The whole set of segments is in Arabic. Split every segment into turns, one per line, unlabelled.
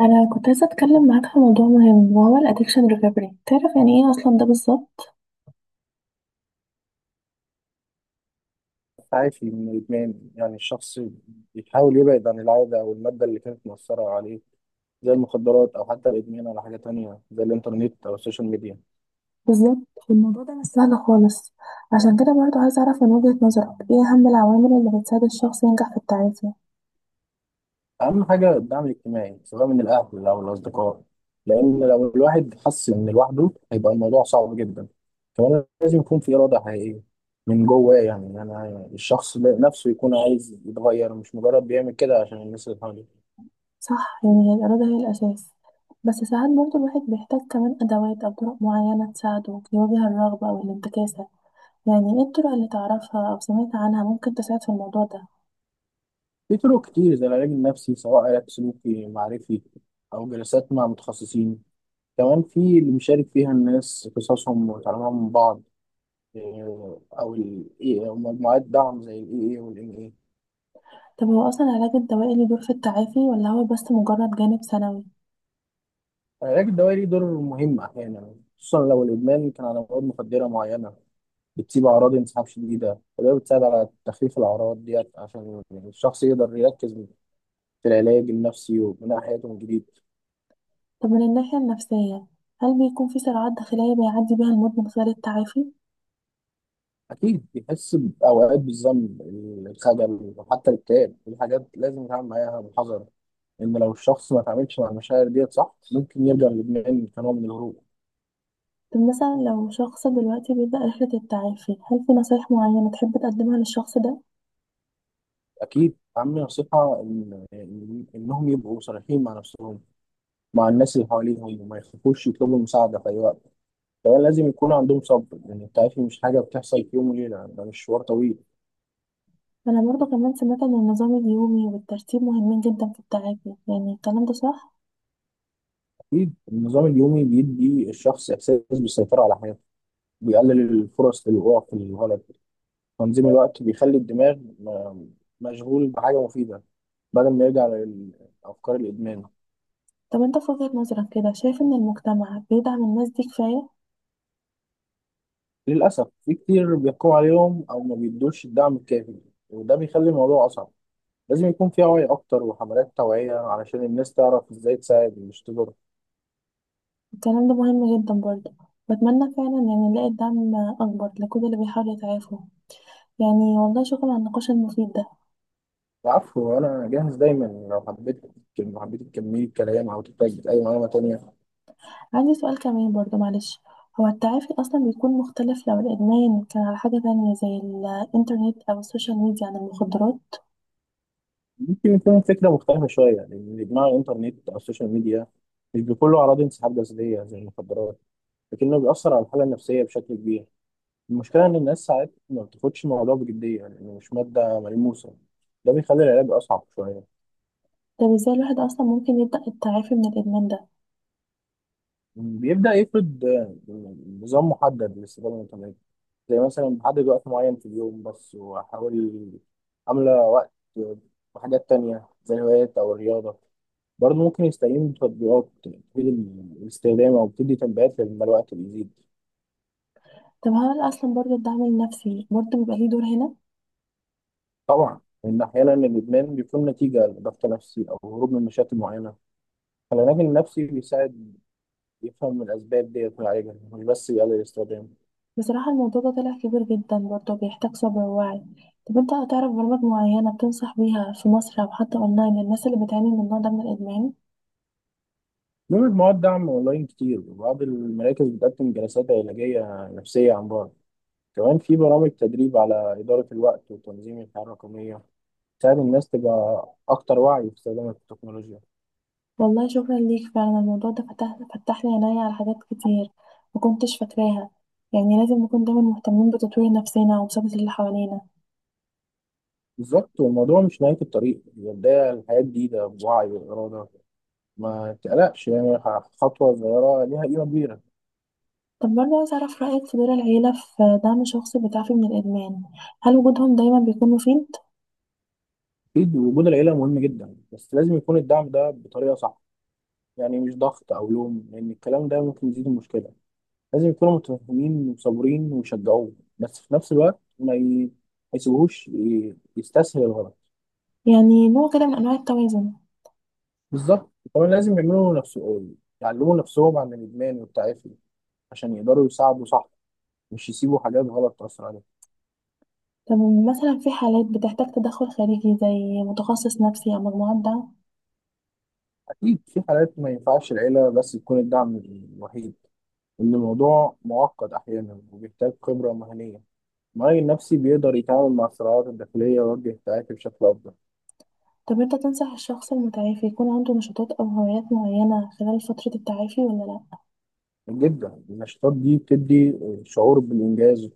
انا كنت عايزه اتكلم معاك في موضوع مهم، وهو الادكشن ريكفري. تعرف يعني ايه اصلا ده بالظبط؟
عافي من الإدمان، يعني الشخص بيحاول يبعد عن العادة أو المادة اللي كانت مؤثرة عليه، زي المخدرات أو حتى الإدمان على حاجة تانية زي الإنترنت أو السوشيال ميديا.
بالظبط. الموضوع ده مش سهل خالص، عشان كده برضو عايزه اعرف من وجهة نظرك ايه اهم العوامل اللي بتساعد الشخص ينجح في التعافي.
أهم حاجة الدعم الاجتماعي، سواء من الأهل أو الأصدقاء، لأن لو الواحد حس إن لوحده هيبقى الموضوع صعب جدا. كمان لازم يكون في إرادة حقيقية من جواه، يعني أنا الشخص نفسه يكون عايز يتغير، مش مجرد بيعمل كده عشان الناس اللي حواليه.
صح، يعني هي الاراده هي الاساس، بس ساعات برضو الواحد بيحتاج كمان ادوات او طرق معينه تساعده يواجه الرغبه او الانتكاسه. يعني ايه الطرق اللي تعرفها او سمعت عنها ممكن تساعد في الموضوع ده؟
في طرق كتير زي العلاج النفسي، سواء علاج سلوكي معرفي أو جلسات مع متخصصين. كمان في اللي بيشارك فيها الناس قصصهم وتعلمهم من بعض. أو ال AA أو مجموعات دعم زي ال AA وال NA.
طب هو اصلا العلاج الدوائي له دور في التعافي، ولا هو بس مجرد جانب ثانوي؟
العلاج الدوائي ليه دور مهم أحيانا، خصوصا لو الإدمان كان على مواد مخدرة معينة بتسيب أعراض انسحاب شديدة. وده بتساعد على تخفيف الأعراض ديت عشان الشخص يقدر يركز في العلاج النفسي وبناء حياته من جديد.
طب من الناحية النفسية، هل بيكون في صراعات داخلية بيعدي بيها المود من خلال التعافي؟
أكيد بيحس بأوقات بالذنب، الخجل وحتى الاكتئاب. دي حاجات لازم يتعامل معاها بحذر، إن لو الشخص ما تعاملش مع المشاعر ديت صح ممكن يرجع للإدمان كنوع من الهروب.
طب مثلا لو شخص دلوقتي بيبدأ رحلة التعافي، هل في نصايح معينة تحب تقدمها للشخص ده؟
أكيد أهم نصيحة إنهم يبقوا صريحين مع نفسهم، مع الناس اللي حواليهم، وما يخافوش يطلبوا المساعدة في أي وقت. كمان لازم يكون عندهم صبر، لأن التعافي مش حاجة بتحصل في يوم وليلة، ده مشوار طويل.
أنا برضه كمان سمعت إن النظام اليومي والترتيب مهمين جدا في التعافي، يعني الكلام ده صح؟
أكيد النظام اليومي بيدي الشخص إحساس بالسيطرة على حياته، بيقلل الفرص للوقوع في الغلط. تنظيم الوقت بيخلي الدماغ مشغول بحاجة مفيدة، بدل ما يرجع للأفكار الإدمان.
طب أنت في وجهة نظرك كده شايف إن المجتمع بيدعم الناس دي كفاية؟
للأسف في كتير بيقوا عليهم أو ما بيدوش الدعم الكافي، وده بيخلي الموضوع أصعب. لازم يكون في وعي أكتر وحملات توعية علشان الناس تعرف إزاي تساعد مش تضر.
الكلام ده مهم جدا برضه، بتمنى فعلا يعني نلاقي دعم أكبر لكل اللي بيحاول يتعافوا. يعني والله شكرا على النقاش المفيد ده.
العفو، أنا جاهز دايما لو حبيت تكملي الكلام أو تحتاج أي معلومة تانية.
عندي سؤال كمان برضو، معلش. هو التعافي أصلا بيكون مختلف لو الإدمان كان على حاجة تانية زي الإنترنت أو السوشيال ميديا عن المخدرات؟
ممكن يكون فكرة مختلفة شوية، لأن إدمان الإنترنت أو السوشيال ميديا مش بكله أعراض انسحاب جسدية زي المخدرات، لكنه بيأثر على الحالة النفسية بشكل كبير. المشكلة إن الناس ساعات ما بتاخدش الموضوع بجدية، لأنه مش مادة ملموسة، ده بيخلي العلاج أصعب شوية.
طب ازاي الواحد أصلا ممكن يبدأ التعافي من الإدمان ده؟
بيبدأ يفرض نظام محدد للاستفادة من الإنترنت، زي مثلا بحدد وقت معين في اليوم بس وأحاول أملى وقت بحاجات تانية زي الهوايات أو الرياضة. برضه ممكن يستعين بتطبيقات تفيد الاستخدام أو بتدي تنبيهات لما الوقت بيزيد.
طب هل أصلا برضو الدعم النفسي برضو بيبقى ليه دور هنا؟
طبعا، إن أحيانا الإدمان بيكون نتيجة لضغط نفسي أو هروب من مشاكل معينة. العلاج النفسي بيساعد يفهم الأسباب ديت ويعالجها، مش بس يقلل الاستخدام.
بصراحة الموضوع ده طلع كبير جدا برضه، بيحتاج صبر ووعي. طب انت هتعرف برامج معينة بتنصح بيها في مصر أو حتى أونلاين للناس اللي بتعاني من النوع ده من الإدمان؟
بيعمل مواد دعم أونلاين كتير، وبعض المراكز بتقدم جلسات علاجية نفسية عن بعد. كمان في برامج تدريب على إدارة الوقت وتنظيم الحياة الرقمية، تساعد الناس تبقى أكتر وعي في استخدام التكنولوجيا.
والله شكرا ليك، فعلا الموضوع ده فتح لي عينيا على حاجات كتير مكنتش فاكراها. يعني لازم نكون دايما مهتمين بتطوير نفسنا ومساعدة اللي حوالينا.
بالظبط، والموضوع مش نهاية الطريق، هي بداية لحياة جديدة بوعي وإرادة. ما تقلقش، يعني خطوة صغيرة ليها قيمة كبيرة.
طب برضه عايز أعرف رأيك في دور العيلة في دعم شخص بيتعافي من الإدمان، هل وجودهم دايما بيكون مفيد؟
أكيد وجود العيلة مهم جدا، بس لازم يكون الدعم ده بطريقة صح، يعني مش ضغط أو لوم، لأن الكلام ده ممكن يزيد المشكلة. لازم يكونوا متفاهمين وصابرين ويشجعوه، بس في نفس الوقت ما يسيبوهوش يستسهل الغلط.
يعني نوع كده من أنواع التوازن.
بالظبط، وكمان لازم يعملوا نفسهم يعلموا نفسهم عن الإدمان والتعافي، عشان يقدروا يساعدوا صح، مش يسيبوا حاجات غلط تأثر عليهم.
طب مثلا في حالات بتحتاج تدخل خارجي زي متخصص نفسي أو مجموعة دعم.
أكيد في حالات ما ينفعش العيلة بس تكون الدعم الوحيد، إن الموضوع معقد أحيانا وبيحتاج خبرة مهنية. المعالج النفسي بيقدر يتعامل مع الصراعات الداخلية ويوجه التعافي بشكل أفضل.
طب أنت تنصح الشخص المتعافي يكون عنده نشاطات أو هوايات معينة خلال فترة التعافي ولا لأ؟
جدا، النشاطات دي بتدي شعور بالإنجاز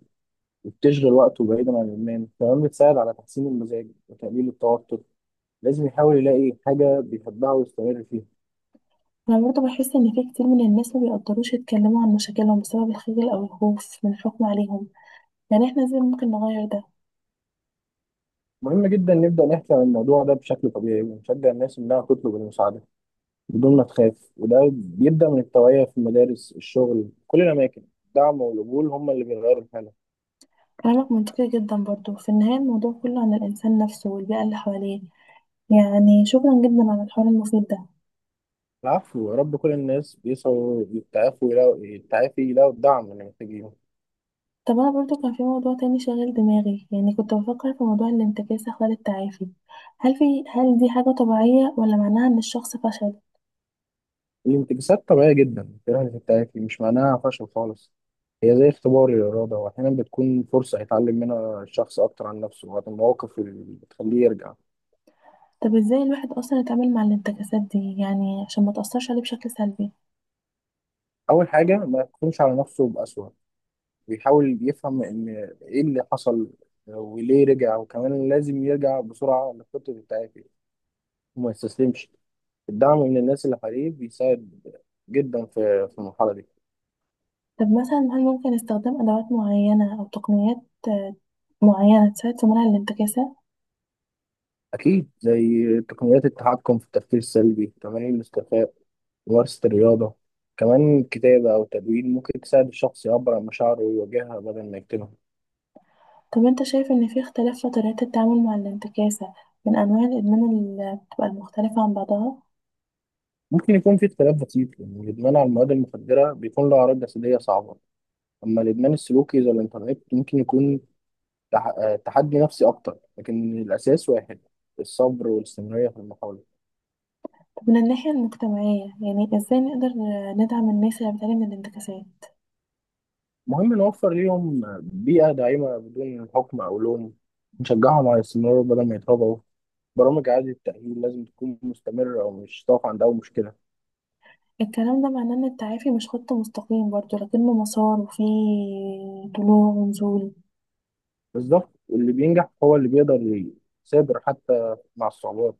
وبتشغل وقته بعيدا عن الإدمان. كمان بتساعد على تحسين المزاج وتقليل التوتر. لازم يحاول يلاقي حاجة بيحبها ويستمر فيها.
أنا برضه بحس إن في كتير من الناس ما بيقدروش يتكلموا عن مشاكلهم بسبب الخجل أو الخوف من الحكم عليهم، يعني إحنا إزاي ممكن نغير ده؟
مهم جدا نبدأ نحكي عن الموضوع ده بشكل طبيعي ونشجع الناس إنها تطلب المساعدة بدون ما تخاف. وده بيبدأ من التوعية في المدارس، الشغل، كل الأماكن. الدعم والقبول هم اللي بيغيروا الحالة.
كلامك منطقي جدا، برضه في النهاية الموضوع كله عن الإنسان نفسه والبيئة اللي حواليه. يعني شكرا جدا على الحوار المفيد ده.
العفو، يا رب كل الناس بيسعوا يتعافوا يلاقوا يتعافي يلاقوا الدعم اللي محتاجينه.
طب انا برضو كان في موضوع تاني شاغل دماغي، يعني كنت بفكر في موضوع الانتكاسة خلال التعافي. هل دي حاجة طبيعية ولا معناها ان الشخص فشل؟
الانتكاسات طبيعية جدا، الجراحة اللي بتتعافي مش معناها فشل خالص، هي زي اختبار للإرادة. وأحيانا بتكون فرصة يتعلم منها الشخص أكتر عن نفسه وعن المواقف اللي بتخليه يرجع.
طب ازاي الواحد اصلا يتعامل مع الانتكاسات دي يعني عشان ما تأثرش عليه بشكل سلبي؟
أول حاجة ما يحكمش على نفسه بأسوأ، ويحاول يفهم إن إيه اللي حصل وليه رجع. وكمان لازم يرجع بسرعة لخطة التعافي وما يستسلمش. الدعم من الناس اللي حواليه بيساعد جدا في المرحلة دي.
طب مثلا هل ممكن استخدام ادوات معينة او تقنيات، آه، معينة تساعد في منع الانتكاسة؟
أكيد، زي تقنيات التحكم في التفكير السلبي، تمارين الاستيفاء، ممارسة الرياضة. كمان كتابة أو تدوين ممكن تساعد الشخص يعبر عن مشاعره ويواجهها بدل ما يكتمها.
طب انت شايف ان في اختلاف في طريقة التعامل مع الانتكاسة من انواع الادمان اللي بتبقى المختلفة عن بعضها؟
ممكن يكون في اختلاف بسيط، لأن الإدمان على المواد المخدرة بيكون له أعراض جسدية صعبة. أما الإدمان السلوكي زي الإنترنت، ممكن يكون تح... آه، تحدي نفسي أكتر، لكن الأساس واحد، الصبر والاستمرارية في المحاولة.
من الناحية المجتمعية، يعني ازاي نقدر ندعم الناس اللي بتعاني من الانتكاسات؟
مهم نوفر ليهم بيئة داعمة بدون حكم أو لوم، نشجعهم على الاستمرار بدل ما يتراجعوا. برامج إعادة التأهيل لازم تكون مستمرة ومش تقف عند أول مشكلة.
الكلام ده معناه ان التعافي مش خط مستقيم برضه، لكنه مسار وفيه طلوع ونزول.
بالظبط، واللي بينجح هو اللي بيقدر يثابر حتى مع الصعوبات.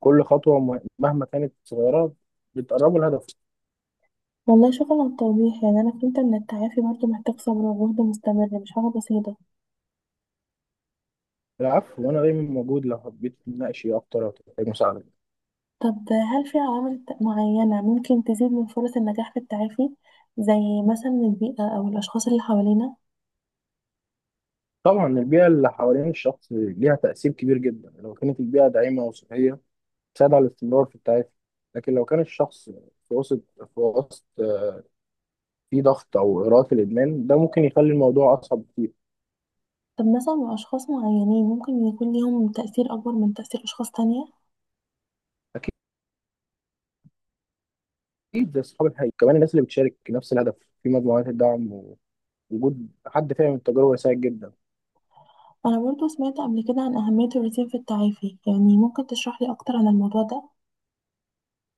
كل خطوة مهما كانت صغيرة بتقربه الهدف.
والله شكرا على التوضيح، يعني انا فهمت ان التعافي برضه محتاج صبر وجهد مستمر، مش حاجة بسيطة.
العفو، وأنا دايما موجود لو حبيت تناقشي أكتر أو تحتاج مساعدة.
طب هل في معينة ممكن تزيد من فرص النجاح في التعافي، زي مثلا البيئة او الاشخاص اللي حوالينا؟
طبعا، البيئة اللي حوالين الشخص ليها تأثير كبير جدا. لو كانت البيئة داعمة وصحية تساعد على الاستمرار في التعافي. لكن لو كان الشخص في وسط في وسط فيه ضغط أو إغراءات في الإدمان ده، ممكن يخلي الموضوع أصعب كتير.
طب مثلا اشخاص معينين ممكن يكون ليهم تأثير اكبر من تأثير اشخاص تانية؟
اكيد، زي اصحاب الحقيقه. كمان الناس اللي بتشارك نفس الهدف في مجموعات الدعم، ووجود حد فاهم التجربه يساعد جدا.
أنا برضو سمعت قبل كده عن أهمية الروتين في التعافي، يعني ممكن تشرح لي أكتر عن الموضوع ده؟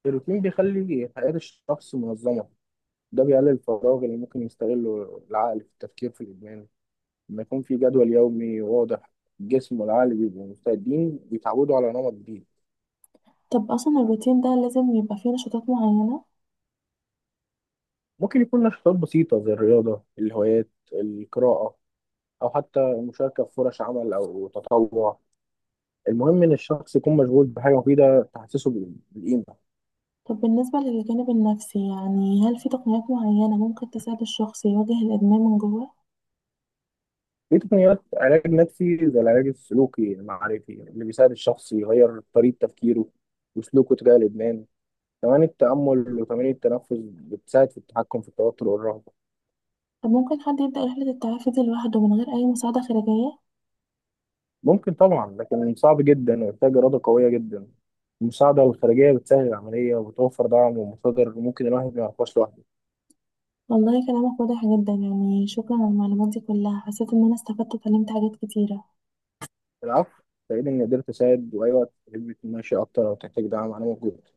الروتين بيخلي حياه الشخص منظمه، ده بيقلل الفراغ اللي ممكن يستغله العقل في التفكير في الادمان. لما يكون في جدول يومي واضح، الجسم والعقل بيبقوا مستعدين، بيتعودوا على نمط جديد.
طب أصلا الروتين ده لازم يبقى فيه نشاطات معينة؟
ممكن يكون نشاطات بسيطه، زي الرياضه، الهوايات، القراءه، او حتى المشاركه في فرص عمل او تطوع. المهم ان الشخص يكون مشغول بحاجه مفيده تحسسه بالقيمه.
طب بالنسبة للجانب النفسي، يعني هل في تقنيات معينة ممكن تساعد الشخص يواجه الإدمان من جوه؟
في تقنيات علاج نفسي زي العلاج السلوكي المعرفي اللي بيساعد الشخص يغير طريقة تفكيره وسلوكه تجاه الإدمان. كمان التأمل وتمارين التنفس بتساعد في التحكم في التوتر والرهبة.
طب ممكن حد يبدأ رحلة التعافي دي لوحده من غير أي مساعدة خارجية؟
ممكن طبعا، لكن صعب جدا ويحتاج إرادة قوية جدا. المساعدة الخارجية بتسهل العملية وبتوفر دعم ومصادر ممكن الواحد ما يعرفهاش لوحده.
والله كلامك واضح جدا، يعني شكرا على المعلومات دي كلها، حسيت إن أنا استفدت واتعلمت حاجات كتيرة.
العفو، سعيد إني قدرت أساعد، وأي وقت تحب تمشي أكتر أو تحتاج دعم أنا موجود.